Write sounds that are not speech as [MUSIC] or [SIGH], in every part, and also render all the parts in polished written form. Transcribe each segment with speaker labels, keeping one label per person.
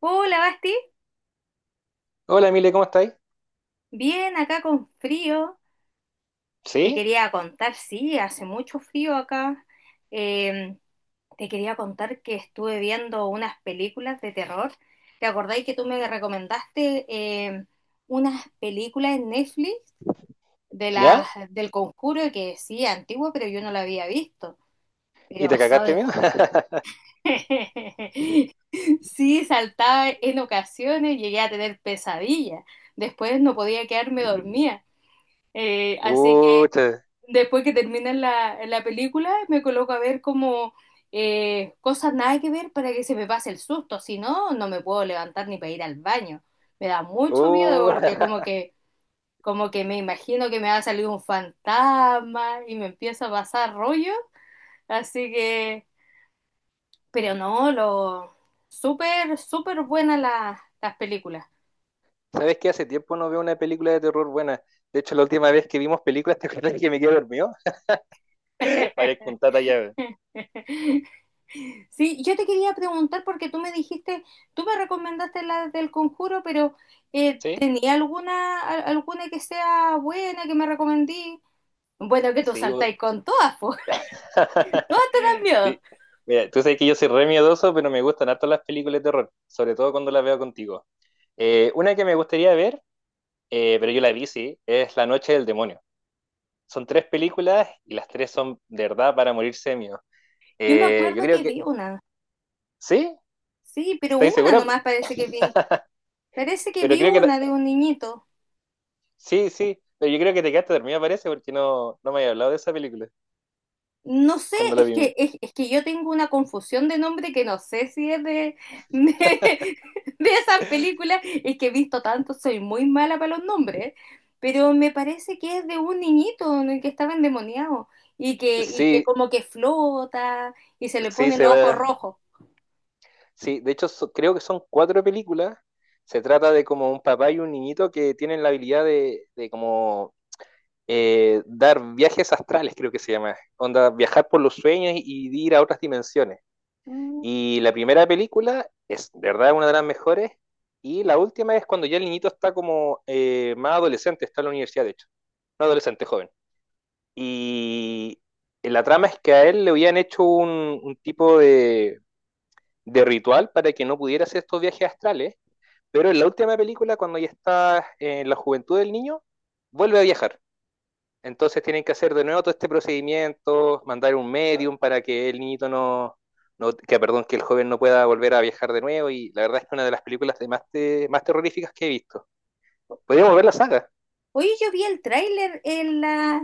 Speaker 1: Hola, Basti.
Speaker 2: Hola, Emile, ¿cómo estáis?
Speaker 1: Bien, acá con frío. Te
Speaker 2: ¿Sí?
Speaker 1: quería contar, sí, hace mucho frío acá. Eh, Te quería contar que estuve viendo unas películas de terror. ¿Te acordáis que tú me recomendaste unas películas en Netflix de las
Speaker 2: ¿Ya?
Speaker 1: del Conjuro que sí, antigua, pero yo no la había visto?
Speaker 2: ¿Y
Speaker 1: Pero,
Speaker 2: te cagaste
Speaker 1: ¿sabes?
Speaker 2: miedo? [LAUGHS]
Speaker 1: [LAUGHS] Sí, saltaba en ocasiones, llegué a tener pesadillas. Después no podía quedarme dormida. Así que
Speaker 2: Pucha,
Speaker 1: después que termina la película, me coloco a ver como cosas nada que ver para que se me pase el susto. Si no, no me puedo levantar ni para ir al baño. Me da mucho miedo porque
Speaker 2: uh. [LAUGHS]
Speaker 1: como que me imagino que me va a salir un fantasma y me empieza a pasar rollo. Así que, pero no, lo súper, súper buenas las películas.
Speaker 2: ¿Sabes que hace tiempo no veo una película de terror buena? De hecho, la última vez que vimos películas, [LAUGHS] ¿te acuerdas que me quedé dormido? [LAUGHS] Parezco un tata llave.
Speaker 1: [LAUGHS] Sí, yo te quería preguntar porque tú me recomendaste la del Conjuro, pero
Speaker 2: ¿Sí?
Speaker 1: ¿tenía alguna, alguna que sea buena que me recomendí? Bueno, que tú
Speaker 2: Sí, po.
Speaker 1: saltáis con todas, po. [LAUGHS]
Speaker 2: [LAUGHS]
Speaker 1: Todas te dan miedo.
Speaker 2: Sí. Mira, tú sabes que yo soy re miedoso, pero me gustan harto las películas de terror, sobre todo cuando las veo contigo. Una que me gustaría ver, pero yo la vi, sí, es La Noche del Demonio. Son tres películas y las tres son de verdad para morirse de miedo.
Speaker 1: Yo me
Speaker 2: Yo
Speaker 1: acuerdo
Speaker 2: creo
Speaker 1: que
Speaker 2: que.
Speaker 1: vi una,
Speaker 2: ¿Sí?
Speaker 1: sí, pero
Speaker 2: ¿Estáis
Speaker 1: una
Speaker 2: segura?
Speaker 1: nomás parece que vi. Parece que
Speaker 2: Pero
Speaker 1: vi
Speaker 2: creo que. Ta-
Speaker 1: una de un niñito.
Speaker 2: Sí, sí. Pero yo creo que te quedaste dormida, parece, porque no me había hablado de esa película
Speaker 1: No sé,
Speaker 2: cuando la vimos.
Speaker 1: es que yo tengo una confusión de nombre que no sé si es de, [LAUGHS] de esas películas. Es que he visto tanto, soy muy mala para los nombres, pero me parece que es de un niñito en el que estaba endemoniado y y que
Speaker 2: Sí,
Speaker 1: como que flota y se le
Speaker 2: sí,
Speaker 1: ponen
Speaker 2: se
Speaker 1: los ojos
Speaker 2: va.
Speaker 1: rojos.
Speaker 2: Sí, de hecho, so- creo que son cuatro películas. Se trata de como un papá y un niñito que tienen la habilidad de como dar viajes astrales, creo que se llama. Onda, viajar por los sueños y ir a otras dimensiones. Y la primera película es, de verdad, una de las mejores. Y la última es cuando ya el niñito está como más adolescente, está en la universidad, de hecho. Un adolescente joven. Y la trama es que a él le habían hecho un tipo de ritual para que no pudiera hacer estos viajes astrales. Pero en la última película, cuando ya está en la juventud del niño, vuelve a viajar. Entonces tienen que hacer de nuevo todo este procedimiento, mandar un medium para que el niñito no- que perdón, que el joven no pueda volver a viajar de nuevo. Y la verdad es que una de las películas de más, te- más terroríficas que he visto. Podríamos ver la saga.
Speaker 1: Oye, yo vi el tráiler en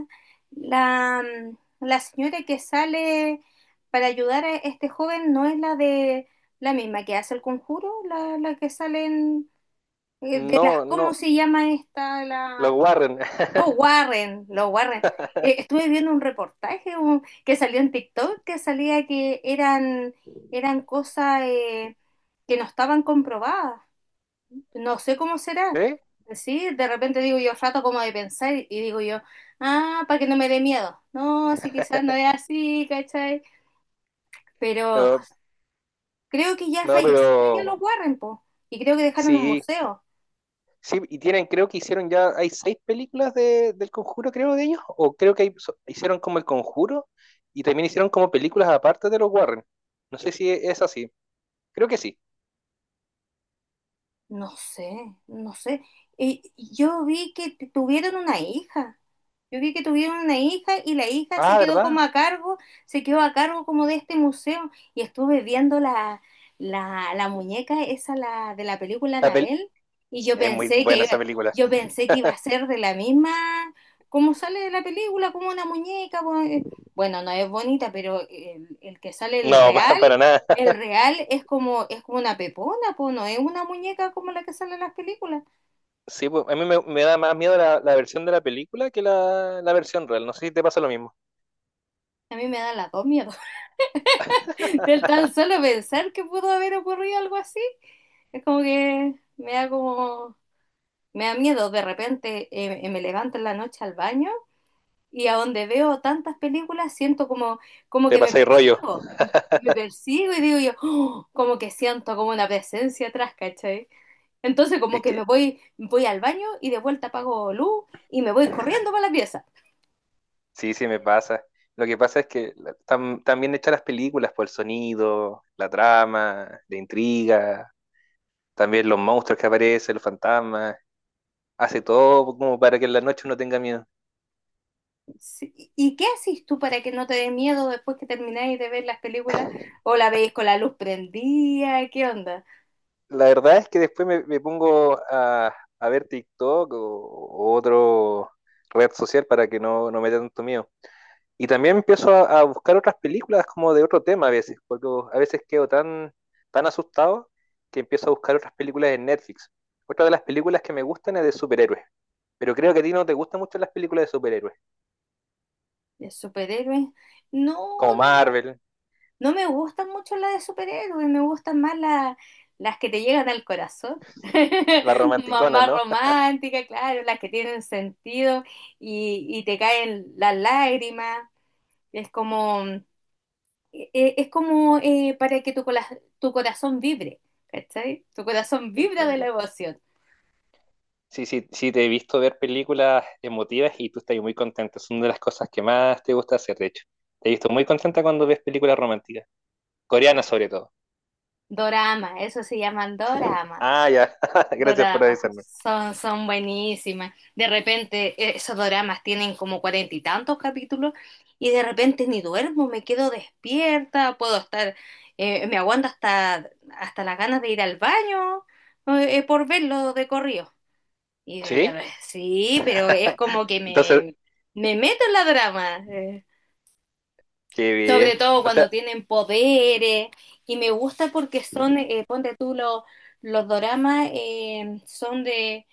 Speaker 1: la, la señora que sale para ayudar a este joven no es la de la misma que hace el conjuro, la que sale en, de
Speaker 2: No,
Speaker 1: las,
Speaker 2: no,
Speaker 1: ¿cómo se llama esta?
Speaker 2: los
Speaker 1: La,
Speaker 2: Warren, [LAUGHS]
Speaker 1: no, Warren, los Warren. Estuve viendo un reportaje que salió en TikTok que salía que eran cosas que no estaban comprobadas, no sé cómo será.
Speaker 2: ¿eh?
Speaker 1: Sí, de repente digo yo rato como de pensar y digo yo, ah, para que no me dé miedo. No, sí, quizás no es así, ¿cachai? Pero
Speaker 2: No,
Speaker 1: creo que ya
Speaker 2: no,
Speaker 1: fallecieron ya
Speaker 2: pero
Speaker 1: los Warren, po. Y creo que dejaron un
Speaker 2: sí,
Speaker 1: museo.
Speaker 2: sí, y tienen, creo que hicieron ya, hay seis películas de, del Conjuro, creo, de ellos, o creo que hay- so- hicieron como el Conjuro y también hicieron como películas aparte de los Warren. No sé si es así. Creo que sí.
Speaker 1: No sé, no sé. Yo vi que tuvieron una hija. Yo vi que tuvieron una hija y la hija se
Speaker 2: Ah,
Speaker 1: quedó
Speaker 2: ¿verdad?
Speaker 1: como a cargo, se quedó a cargo como de este museo. Y estuve viendo la muñeca esa la, de la película
Speaker 2: La pel-
Speaker 1: Anabel y yo
Speaker 2: Es muy
Speaker 1: pensé que
Speaker 2: buena
Speaker 1: iba,
Speaker 2: esa película.
Speaker 1: yo pensé que iba a ser de la misma, como sale de la película, como una muñeca. Bueno, no es bonita, pero el que sale el
Speaker 2: No, [LAUGHS] pa-
Speaker 1: real,
Speaker 2: para nada.
Speaker 1: el real es como una pepona, po, no es una muñeca como la que sale en las películas.
Speaker 2: Sí, pues, a mí me, me da más miedo la, la versión de la película que la versión real. No sé si te pasa lo mismo.
Speaker 1: A mí me da las dos miedos. [LAUGHS] Del tan solo pensar que pudo haber ocurrido algo así, es como que me da como, me da miedo. De repente me levanto en la noche al baño y a donde veo tantas películas siento como, como
Speaker 2: Te
Speaker 1: que me
Speaker 2: pasa el rollo.
Speaker 1: persigo. Me persigo y digo yo, "Oh", como que siento como una presencia atrás, ¿cachai? Entonces como
Speaker 2: Es
Speaker 1: que
Speaker 2: que
Speaker 1: voy al baño y de vuelta apago luz y me voy corriendo para la pieza.
Speaker 2: sí, sí me pasa. Lo que pasa es que la- están, están bien hechas las películas por el sonido, la trama, la intriga, también los monstruos que aparecen, los fantasmas. Hace todo como para que en la noche uno tenga miedo.
Speaker 1: Sí, ¿y qué haces tú para que no te dé miedo después que termináis de ver las películas? ¿O la veis con la luz prendida? ¿Qué onda?
Speaker 2: La verdad es que después me, me pongo a ver TikTok o otro red social para que no, no me dé tanto miedo. Y también empiezo a buscar otras películas como de otro tema a veces, porque a veces quedo tan, tan asustado que empiezo a buscar otras películas en Netflix. Otra de las películas que me gustan es de superhéroes, pero creo que a ti no te gustan mucho las películas de superhéroes,
Speaker 1: ¿De superhéroes? No,
Speaker 2: como
Speaker 1: no,
Speaker 2: Marvel,
Speaker 1: no me gustan mucho las de superhéroes, me gustan más las que te llegan al corazón.
Speaker 2: las
Speaker 1: [LAUGHS]
Speaker 2: romanticonas,
Speaker 1: Mamá
Speaker 2: ¿no?
Speaker 1: romántica, claro, las que tienen sentido y te caen las lágrimas. Es como, es como para que tu corazón vibre, ¿cachai? Tu corazón
Speaker 2: [LAUGHS] Te
Speaker 1: vibra de la
Speaker 2: entiendo.
Speaker 1: emoción.
Speaker 2: Sí, sí, sí, te he visto ver películas emotivas y tú estás muy contenta. Es una de las cosas que más te gusta hacer, de hecho. Te he visto muy contenta cuando ves películas románticas, coreanas sobre todo.
Speaker 1: Dorama, eso se llaman dorama.
Speaker 2: Ah, ya. [LAUGHS] Gracias por
Speaker 1: Dorama.
Speaker 2: avisarme.
Speaker 1: Son, son buenísimas. De repente, esos doramas tienen como cuarenta y tantos capítulos y de repente ni duermo, me quedo despierta, puedo estar, me aguanto hasta, hasta las ganas de ir al baño por verlo de corrido.
Speaker 2: ¿Sí?
Speaker 1: Sí, pero es como que
Speaker 2: Entonces,
Speaker 1: me meto en la drama.
Speaker 2: qué
Speaker 1: Sobre
Speaker 2: bien.
Speaker 1: todo
Speaker 2: O
Speaker 1: cuando
Speaker 2: sea,
Speaker 1: tienen poderes. Y me gusta porque son, ponte tú, los doramas son de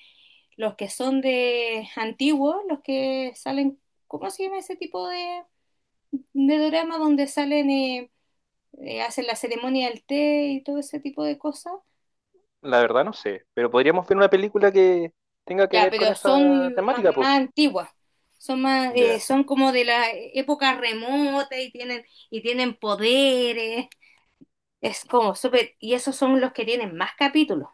Speaker 1: los que son de antiguos, los que salen, ¿cómo se llama ese tipo de dorama donde salen, hacen la ceremonia del té y todo ese tipo de cosas?
Speaker 2: la verdad no sé, pero podríamos ver una película que tenga que
Speaker 1: Ya,
Speaker 2: ver con
Speaker 1: pero
Speaker 2: esa
Speaker 1: son más,
Speaker 2: temática, pues.
Speaker 1: más antiguas. Son más,
Speaker 2: Ya.
Speaker 1: son como de la época remota y tienen poderes. Es como súper, y esos son los que tienen más capítulos,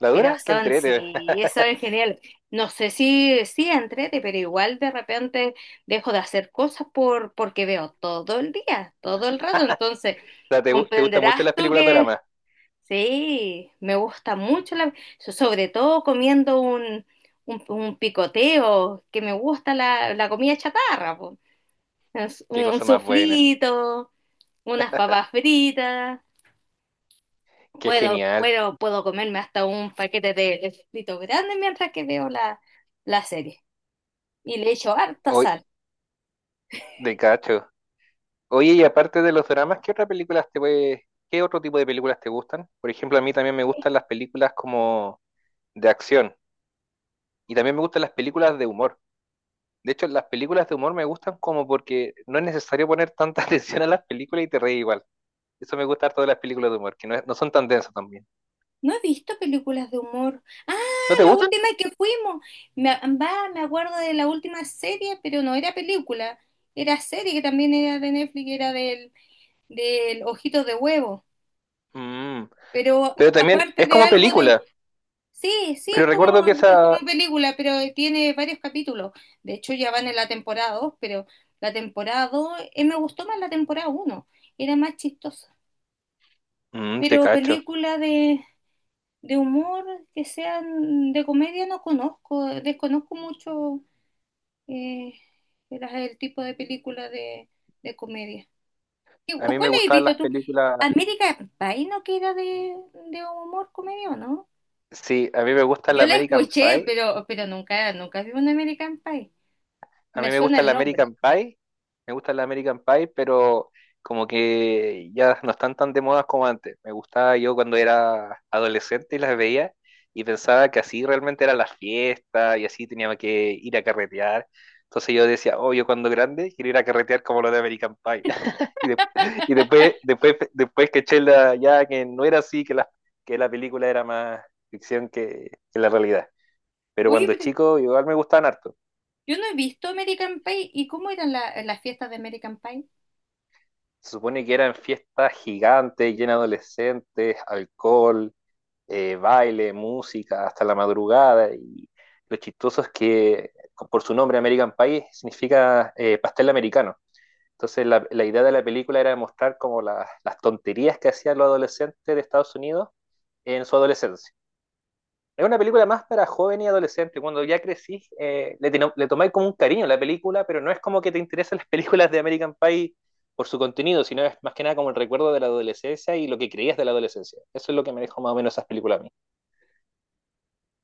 Speaker 2: La
Speaker 1: pero
Speaker 2: dura, que
Speaker 1: son,
Speaker 2: entrete.
Speaker 1: sí,
Speaker 2: [LAUGHS]
Speaker 1: eso es genial. No sé si, si entrete, pero igual de repente dejo de hacer cosas por, porque veo todo el día, todo el rato, entonces
Speaker 2: O sea, te, gu- te gustan mucho
Speaker 1: comprenderás
Speaker 2: las
Speaker 1: tú
Speaker 2: películas
Speaker 1: que
Speaker 2: dramas.
Speaker 1: sí, me gusta mucho, so- sobre todo comiendo un picoteo, que me gusta la comida chatarra, po. Es Un,
Speaker 2: Qué
Speaker 1: un
Speaker 2: cosa más buena.
Speaker 1: suflito, unas papas fritas.
Speaker 2: Qué
Speaker 1: Puedo,
Speaker 2: genial.
Speaker 1: puedo, puedo comerme hasta un paquete de escrito grande mientras que veo la serie. Y le echo harta
Speaker 2: Hoy,
Speaker 1: sal.
Speaker 2: de cacho. Oye, y aparte de los dramas, ¿qué otras películas te puede- qué otro tipo de películas te gustan? Por ejemplo, a mí también me gustan las películas como de acción. Y también me gustan las películas de humor. De hecho, las películas de humor me gustan como porque no es necesario poner tanta [LAUGHS] atención a las películas y te reí igual. Eso me gusta harto de las películas de humor, que no, es- no son tan densas también.
Speaker 1: No he visto películas de humor. Ah,
Speaker 2: ¿No te
Speaker 1: la
Speaker 2: gustan?
Speaker 1: última que fuimos. Me, me acuerdo de la última serie, pero no era película. Era serie que también era de Netflix, era del Ojito de Huevo.
Speaker 2: Mm,
Speaker 1: Pero
Speaker 2: pero también
Speaker 1: aparte
Speaker 2: es
Speaker 1: de
Speaker 2: como
Speaker 1: algo de,
Speaker 2: película.
Speaker 1: sí, sí,
Speaker 2: Pero recuerdo que
Speaker 1: es
Speaker 2: esa...
Speaker 1: como película, pero tiene varios capítulos. De hecho, ya van en la temporada 2, pero la temporada 2, me gustó más la temporada uno, era más chistosa.
Speaker 2: Mm, te
Speaker 1: Pero
Speaker 2: cacho.
Speaker 1: película de humor, que sean de comedia, no conozco, desconozco mucho eh, el tipo de película de comedia.
Speaker 2: A
Speaker 1: O
Speaker 2: mí me
Speaker 1: cuál has
Speaker 2: gustaban las
Speaker 1: visto tú?
Speaker 2: películas...
Speaker 1: América Pie, ¿no que era de humor, comedia o no?
Speaker 2: Sí, a mí me gusta la
Speaker 1: Yo la
Speaker 2: American
Speaker 1: escuché,
Speaker 2: Pie.
Speaker 1: pero nunca, nunca vi un American Pie.
Speaker 2: A mí
Speaker 1: Me
Speaker 2: me
Speaker 1: suena
Speaker 2: gusta
Speaker 1: el
Speaker 2: la
Speaker 1: nombre.
Speaker 2: American Pie, me gusta la American Pie, pero como que ya no están tan de moda como antes. Me gustaba yo cuando era adolescente y las veía y pensaba que así realmente era la fiesta y así tenía que ir a carretear. Entonces yo decía, oh, yo cuando grande quiero ir a carretear como los de American Pie. [LAUGHS] Y, de- y después, después, después que eché la- ya que no era así, que la película era más ficción que la realidad. Pero
Speaker 1: Oye,
Speaker 2: cuando
Speaker 1: pero
Speaker 2: chico igual me gustaban harto.
Speaker 1: yo no he visto American Pie. ¿Y cómo eran las fiestas de American Pie?
Speaker 2: Se supone que eran fiestas gigantes, llenas de adolescentes, alcohol, baile, música, hasta la madrugada. Y lo chistoso es que, por su nombre, American Pie significa pastel americano. Entonces, la, idea de la película era mostrar como la, las tonterías que hacían los adolescentes de Estados Unidos en su adolescencia es una película más para joven y adolescente. Cuando ya crecís, le, teno- le tomáis como un cariño a la película, pero no es como que te interesan las [LAUGHS] películas de American Pie por su contenido, sino es más que nada como el recuerdo de la adolescencia y lo que creías de la adolescencia. Eso es lo que me dejó más o menos esas películas a mí.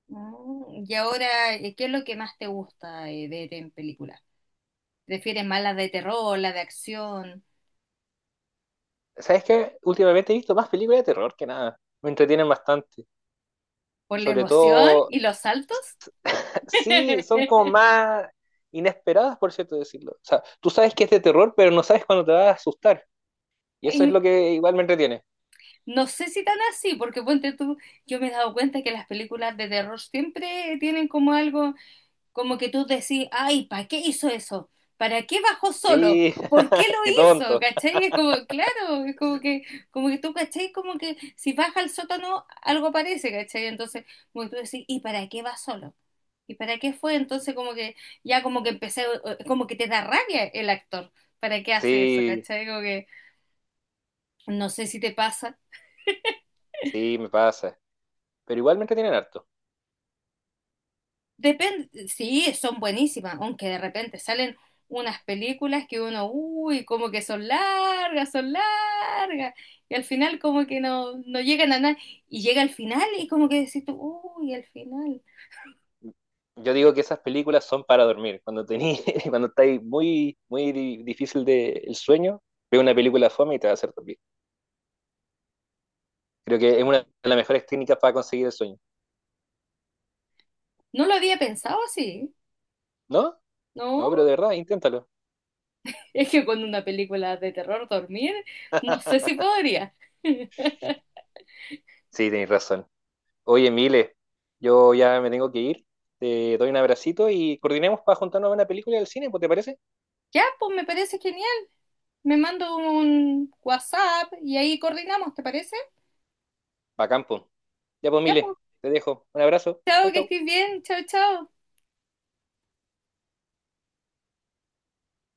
Speaker 1: Mm, y ahora, ¿qué es lo que más te gusta ver en películas? ¿Prefieres más las de terror, las de acción,
Speaker 2: ¿Sabes qué? Últimamente he visto más películas de terror que nada. Me entretienen bastante.
Speaker 1: por la
Speaker 2: Sobre
Speaker 1: emoción
Speaker 2: todo,
Speaker 1: y los saltos?
Speaker 2: [LAUGHS] sí, son como
Speaker 1: [LAUGHS]
Speaker 2: más inesperadas, por cierto decirlo. O sea, tú sabes que es de terror, pero no sabes cuándo te va a asustar. Y eso es
Speaker 1: Y
Speaker 2: lo que igual me entretiene.
Speaker 1: no sé si tan así, porque ponte tú, yo me he dado cuenta que las películas de terror siempre tienen como algo. Como que tú decís, ay, ¿para qué hizo eso? ¿Para qué bajó solo?
Speaker 2: Sí,
Speaker 1: ¿Por qué lo
Speaker 2: [LAUGHS] qué
Speaker 1: hizo?
Speaker 2: tonto.
Speaker 1: ¿Cachai? Es como, claro, es como que tú, ¿cachai? Como que si baja al sótano, algo parece, ¿cachai? Entonces, como que tú decís, ¿y para qué va solo? ¿Y para qué fue? Entonces, como que ya como que empecé, como que te da rabia el actor. ¿Para qué hace eso?
Speaker 2: Sí,
Speaker 1: ¿Cachai? Como que no sé si te pasa.
Speaker 2: sí, me pasa. Pero igual me entretienen harto.
Speaker 1: Depende, sí, son buenísimas, aunque de repente salen unas películas que uno, uy, como que son largas, y al final como que no, no llegan a nada, y llega al final y como que decís tú, uy, al final.
Speaker 2: Yo digo que esas películas son para dormir. Cuando tení, [LAUGHS] cuando estáis muy, muy di- difícil de, el sueño, ve una película fome y te va a hacer dormir. Creo que es
Speaker 1: Sí.
Speaker 2: una de las mejores técnicas para conseguir el sueño.
Speaker 1: No lo había pensado así,
Speaker 2: ¿No?
Speaker 1: ¿no?
Speaker 2: No, pero de verdad, inténtalo.
Speaker 1: Es que con una película de terror dormir, no sé si podría. [LAUGHS]
Speaker 2: Sí, tenéis razón. Oye, Mile, yo ya me tengo que ir. Te doy un abracito y coordinemos para juntarnos a una película del cine, pues, ¿te parece?
Speaker 1: Ya, pues me parece genial. Me mando un WhatsApp y ahí coordinamos, ¿te parece?
Speaker 2: Pa' campo. Ya pues,
Speaker 1: Ya,
Speaker 2: Mile,
Speaker 1: pues,
Speaker 2: te dejo. Un abrazo. Chau,
Speaker 1: chao, que
Speaker 2: chau.
Speaker 1: estés bien, chao, chao.